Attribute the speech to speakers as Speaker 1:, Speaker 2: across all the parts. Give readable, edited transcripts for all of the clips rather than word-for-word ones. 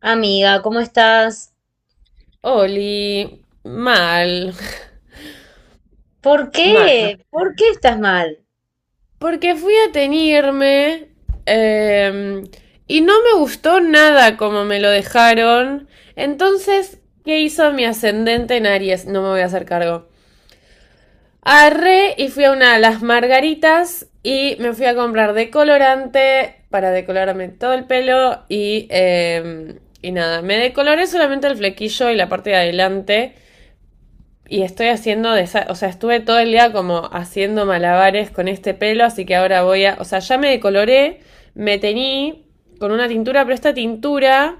Speaker 1: Amiga, ¿cómo estás?
Speaker 2: Oli, mal,
Speaker 1: ¿Por
Speaker 2: mal.
Speaker 1: qué? ¿Por qué estás mal?
Speaker 2: Porque fui a teñirme em, y no me gustó nada como me lo dejaron. Entonces, ¿qué hizo mi ascendente en Aries? No me voy a hacer cargo. Arre y fui a una de las margaritas y me fui a comprar decolorante para decolorarme todo el pelo y, y nada, me decoloré solamente el flequillo y la parte de adelante. Y estoy haciendo, o sea, estuve todo el día como haciendo malabares con este pelo, así que ahora voy a, o sea, ya me decoloré, me teñí con una tintura, pero esta tintura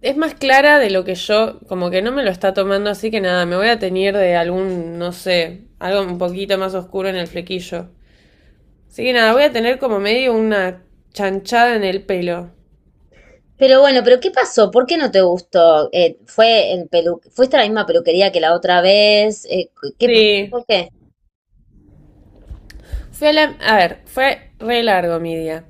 Speaker 2: es más clara de lo que yo, como que no me lo está tomando, así que nada, me voy a teñir de algún, no sé, algo un poquito más oscuro en el flequillo. Así que nada, voy a tener como medio una chanchada en el pelo.
Speaker 1: Pero bueno, ¿pero qué pasó? ¿Por qué no te gustó? ¿Fue el pelu fuiste a la misma peluquería que la otra vez? ¿Qué,
Speaker 2: Sí.
Speaker 1: por qué?
Speaker 2: Fue a, a ver, fue re largo mi día.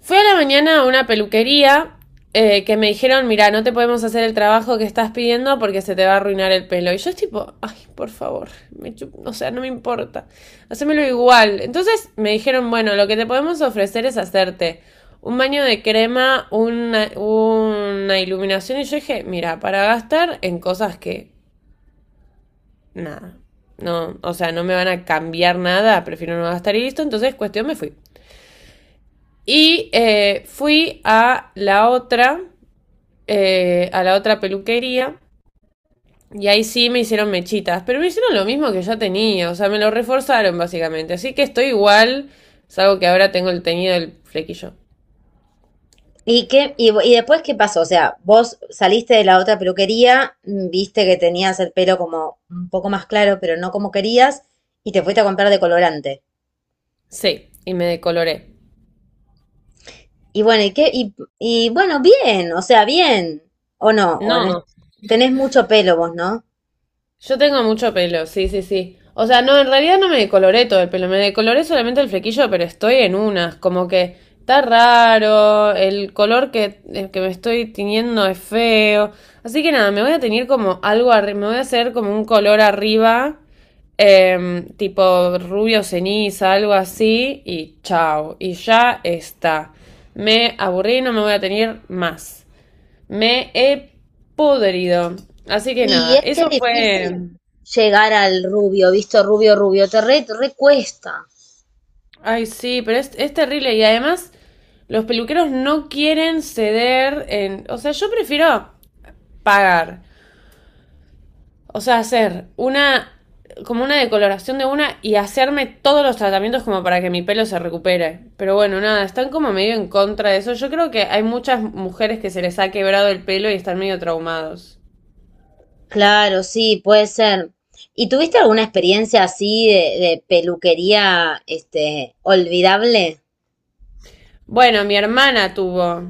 Speaker 2: Fui a la mañana a una peluquería que me dijeron, mira, no te podemos hacer el trabajo que estás pidiendo porque se te va a arruinar el pelo. Y yo es tipo, ay, por favor, o sea, no me importa, hacémelo igual. Entonces me dijeron, bueno, lo que te podemos ofrecer es hacerte un baño de crema, una iluminación. Y yo dije, mira, para gastar en cosas que, nada, no, o sea, no me van a cambiar nada, prefiero no gastar y listo. Entonces, cuestión, me fui. Y fui a la otra peluquería. Y ahí sí me hicieron mechitas. Pero me hicieron lo mismo que ya tenía. O sea, me lo reforzaron básicamente. Así que estoy igual. Salvo que ahora tengo el teñido del flequillo.
Speaker 1: ¿Y qué, y después qué pasó? O sea, vos saliste de la otra peluquería, mm, viste que tenías el pelo como un poco más claro, pero no como querías, y te fuiste a comprar decolorante.
Speaker 2: Sí, y me decoloré.
Speaker 1: Y bueno, ¿y qué? Y bueno, bien, o sea, bien. ¿O no? ¿O no?
Speaker 2: No,
Speaker 1: Tenés mucho pelo vos, ¿no?
Speaker 2: yo tengo mucho pelo, sí, sí, sí. O sea, no, en realidad no me decoloré todo el pelo, me decoloré solamente el flequillo, pero estoy en unas, como que está raro, el color que, el que me estoy tiñendo es feo. Así que nada, me voy a tener como algo arriba, me voy a hacer como un color arriba, tipo rubio ceniza, algo así, y chao, y ya está. Me aburrí, no me voy a tener más. Me he podrido. Así que
Speaker 1: Y
Speaker 2: nada,
Speaker 1: es que
Speaker 2: eso
Speaker 1: es
Speaker 2: fue...
Speaker 1: difícil llegar al rubio, visto rubio, rubio, te re cuesta.
Speaker 2: Ay, sí, pero es terrible. Y además, los peluqueros no quieren ceder en. O sea, yo prefiero pagar. O sea, hacer una. Como una decoloración de una y hacerme todos los tratamientos como para que mi pelo se recupere. Pero bueno, nada, están como medio en contra de eso. Yo creo que hay muchas mujeres que se les ha quebrado el pelo y están medio traumados.
Speaker 1: Claro, sí, puede ser. ¿Y tuviste alguna experiencia así de peluquería, este, olvidable?
Speaker 2: Bueno, mi hermana tuvo.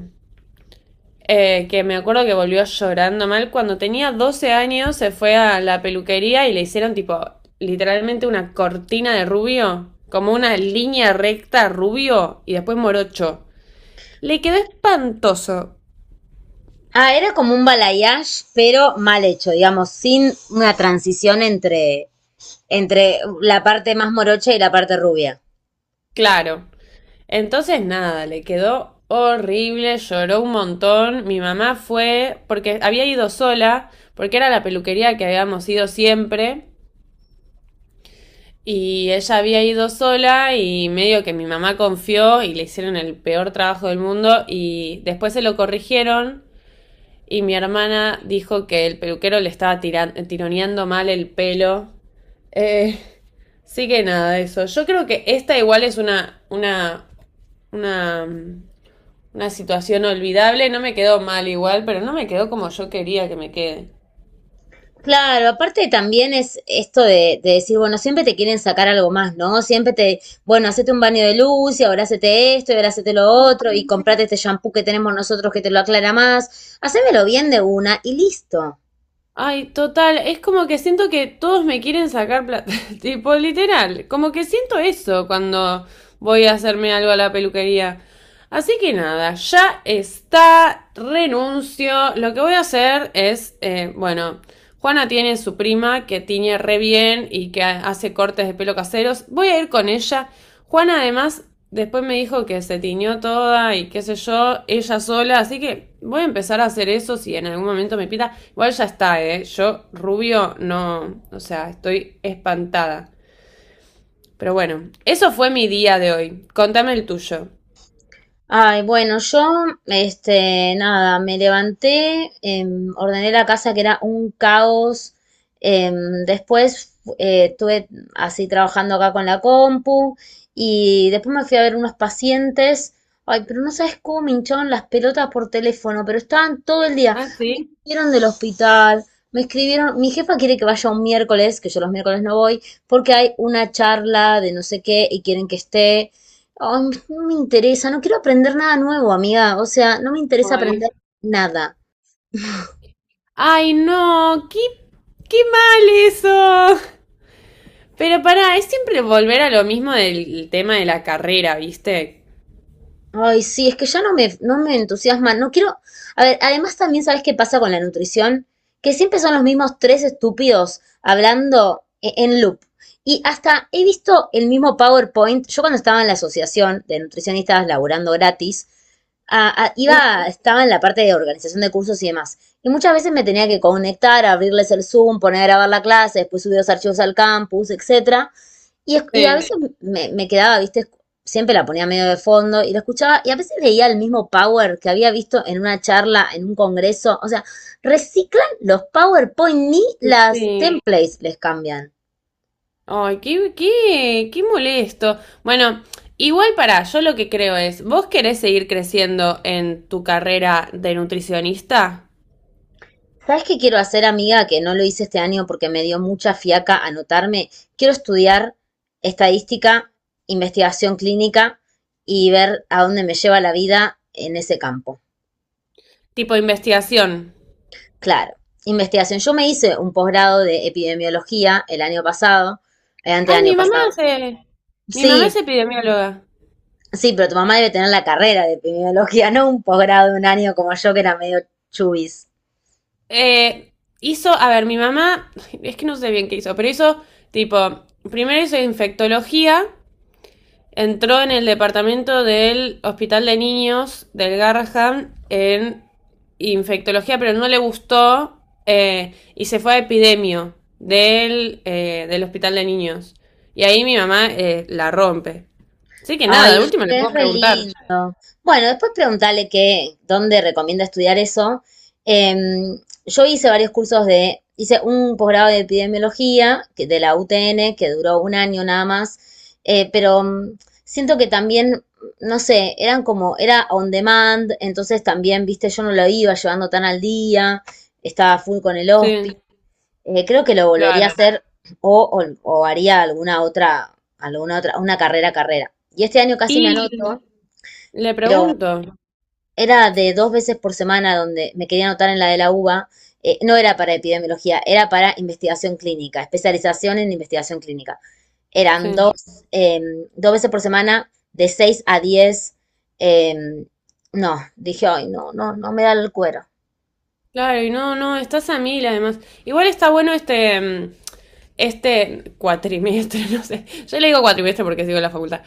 Speaker 2: Que me acuerdo que volvió llorando mal. Cuando tenía 12 años se fue a la peluquería y le hicieron tipo literalmente una cortina de rubio, como una línea recta rubio y después morocho. Le quedó espantoso,
Speaker 1: Ah, era como un balayage, pero mal hecho, digamos, sin una transición entre, entre la parte más morocha y la parte rubia.
Speaker 2: claro. Entonces nada, le quedó horrible, lloró un montón. Mi mamá fue porque había ido sola, porque era la peluquería que habíamos ido siempre. Y ella había ido sola y medio que mi mamá confió y le hicieron el peor trabajo del mundo y después se lo corrigieron y mi hermana dijo que el peluquero le estaba tironeando mal el pelo. Eh, sí que nada, eso. Yo creo que esta igual es una, una situación olvidable. No me quedó mal igual, pero no me quedó como yo quería que me quede.
Speaker 1: Claro, aparte también es esto de decir, bueno, siempre te quieren sacar algo más, ¿no? Siempre te, bueno, hacete un baño de luz y ahora hacete esto y ahora hacete lo otro y comprate este shampoo que tenemos nosotros que te lo aclara más. Hacémelo bien de una y listo.
Speaker 2: Ay, total, es como que siento que todos me quieren sacar plata, tipo literal, como que siento eso cuando voy a hacerme algo a la peluquería. Así que nada, ya está, renuncio, lo que voy a hacer es, bueno, Juana tiene su prima que tiñe re bien y que hace cortes de pelo caseros. Voy a ir con ella. Juana además después me dijo que se tiñó toda y qué sé yo, ella sola. Así que voy a empezar a hacer eso si en algún momento me pita. Igual ya está, ¿eh? Yo rubio no, o sea, estoy espantada. Pero bueno, eso fue mi día de hoy. Contame el tuyo.
Speaker 1: Ay, bueno, yo, este, nada, me levanté, ordené la casa que era un caos. Después estuve así trabajando acá con la compu y después me fui a ver unos pacientes. Ay, pero no sabes cómo me hinchaban las pelotas por teléfono, pero estaban todo el día.
Speaker 2: Ah, sí.
Speaker 1: Vieron del hospital, me escribieron, mi jefa quiere que vaya un miércoles, que yo los miércoles no voy, porque hay una charla de no sé qué y quieren que esté. Ay, no me interesa, no quiero aprender nada nuevo, amiga. O sea, no me interesa
Speaker 2: Ay.
Speaker 1: aprender nada.
Speaker 2: Ay, no, qué, qué mal eso. Pero pará, es siempre volver a lo mismo del tema de la carrera, ¿viste?
Speaker 1: Ay, sí, es que ya no me, no me entusiasma, no quiero... A ver, además también sabes qué pasa con la nutrición, que siempre son los mismos tres estúpidos hablando en loop. Y hasta he visto el mismo PowerPoint, yo cuando estaba en la asociación de nutricionistas laburando gratis,
Speaker 2: Uf,
Speaker 1: iba, estaba en la parte de organización de cursos y demás. Y muchas veces me tenía que conectar, abrirles el Zoom, poner a grabar la clase, después subir los archivos al campus, etcétera. Y, y a veces
Speaker 2: sí,
Speaker 1: me, me quedaba, viste, siempre la ponía medio de fondo y la escuchaba, y a veces veía el mismo power que había visto en una charla, en un congreso. O sea, reciclan los PowerPoint, ni las
Speaker 2: sí.
Speaker 1: templates les cambian.
Speaker 2: Ay, qué, qué, qué molesto. Bueno, igual para yo lo que creo es, ¿vos querés seguir creciendo en tu carrera de nutricionista?
Speaker 1: ¿Sabes qué quiero hacer, amiga? Que no lo hice este año porque me dio mucha fiaca anotarme. Quiero estudiar estadística, investigación clínica y ver a dónde me lleva la vida en ese campo.
Speaker 2: Tipo investigación.
Speaker 1: Claro, investigación. Yo me hice un posgrado de epidemiología el año pasado, el
Speaker 2: Ay,
Speaker 1: anteaño
Speaker 2: mi mamá
Speaker 1: pasado.
Speaker 2: se, mi mamá es
Speaker 1: Sí,
Speaker 2: epidemióloga.
Speaker 1: sí, pero tu mamá debe tener la carrera de epidemiología, no un posgrado de un año como yo que era medio chubis.
Speaker 2: Eh, hizo, a ver, mi mamá, es que no sé bien qué hizo, pero hizo tipo, primero hizo infectología, entró en el departamento del Hospital de Niños del Garrahan en infectología, pero no le gustó y se fue a epidemio del, del Hospital de Niños. Y ahí mi mamá la rompe. Así que nada,
Speaker 1: Ay,
Speaker 2: de
Speaker 1: es
Speaker 2: última le
Speaker 1: que es
Speaker 2: puedo
Speaker 1: re
Speaker 2: preguntar.
Speaker 1: lindo. Bueno, después preguntarle qué, dónde recomienda estudiar eso. Em, yo hice varios cursos de, hice un posgrado de epidemiología de la UTN que duró un año nada más, eh, pero mm, siento que también, no sé, eran como, era on demand, entonces también, viste, yo no lo iba llevando tan al día, estaba full con el hospital.
Speaker 2: Sí,
Speaker 1: Creo que lo volvería a
Speaker 2: claro.
Speaker 1: hacer o, o- o haría alguna otra, una carrera, carrera. Y este año casi me
Speaker 2: Y
Speaker 1: anoto.
Speaker 2: le pregunto.
Speaker 1: Era de dos veces por semana donde me quería anotar en la de la UBA. No era para epidemiología, era para investigación clínica, especialización en investigación clínica.
Speaker 2: Sí.
Speaker 1: Eran dos, eh, dos veces por semana de 6 a 10. eh, no, dije, ay, no, no, no me da el cuero.
Speaker 2: Claro, y no, no, estás a mil además. Igual está bueno este, mm, este cuatrimestre, no sé. Yo le digo cuatrimestre porque sigo en la facultad.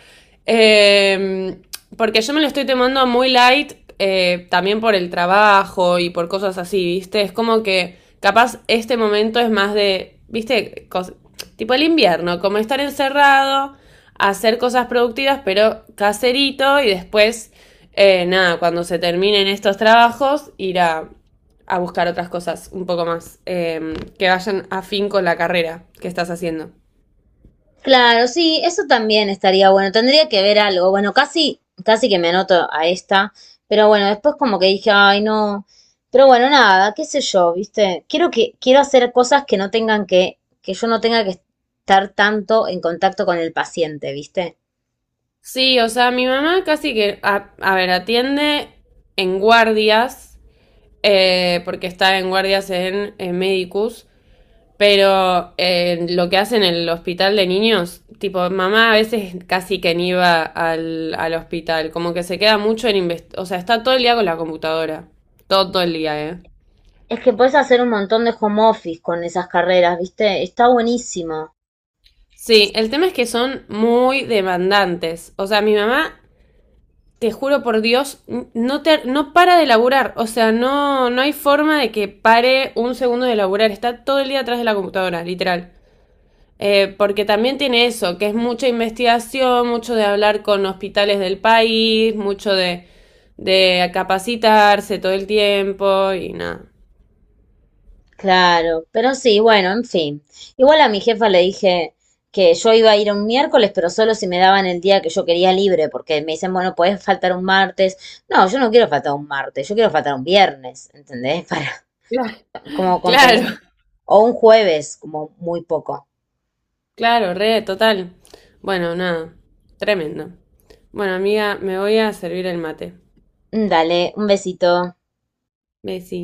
Speaker 2: Eh, porque yo me lo estoy tomando muy light, también por el trabajo y por cosas así, ¿viste? Es como que capaz este momento es más de, ¿viste? Tipo el invierno, como estar encerrado, hacer cosas productivas, pero caserito y después, nada, cuando se terminen estos trabajos, ir a buscar otras cosas un poco más que vayan afín con la carrera que estás haciendo.
Speaker 1: Claro, sí, eso también estaría bueno. Tendría que ver algo. Bueno, casi, casi que me anoto a esta, pero bueno, después como que dije, ay, no. Pero bueno, nada, qué sé yo, ¿viste? Quiero que, quiero hacer cosas que no tengan que yo no tenga que estar tanto en contacto con el paciente, ¿viste?
Speaker 2: Sí, o sea, mi mamá casi que, a ver, atiende en guardias, porque está en guardias en Medicus, pero lo que hace en el hospital de niños, tipo, mamá a veces casi que ni va al, al hospital, como que se queda mucho en, o sea, está todo el día con la computadora, todo, todo el día, ¿eh?
Speaker 1: Es que puedes hacer un montón de home office con esas carreras, ¿viste? Está buenísimo.
Speaker 2: Sí, el tema es que son muy demandantes. O sea, mi mamá, te juro por Dios, no te, no para de laburar. O sea, no, no hay forma de que pare un segundo de laburar. Está todo el día atrás de la computadora, literal. Porque también tiene eso, que es mucha investigación, mucho de hablar con hospitales del país, mucho de capacitarse todo el tiempo y nada.
Speaker 1: Claro, pero sí, bueno, en fin. Igual a mi jefa le dije que yo iba a ir un miércoles, pero solo si me daban el día que yo quería libre, porque me dicen, bueno, podés faltar un martes. No, yo no quiero faltar un martes, yo quiero faltar un viernes, ¿entendés? Para
Speaker 2: Claro.
Speaker 1: como
Speaker 2: Claro.
Speaker 1: compensar. O un jueves, como muy poco.
Speaker 2: Claro, re, total. Bueno, nada, tremendo. Bueno, amiga, me voy a servir el mate.
Speaker 1: Dale, un besito.
Speaker 2: Besito.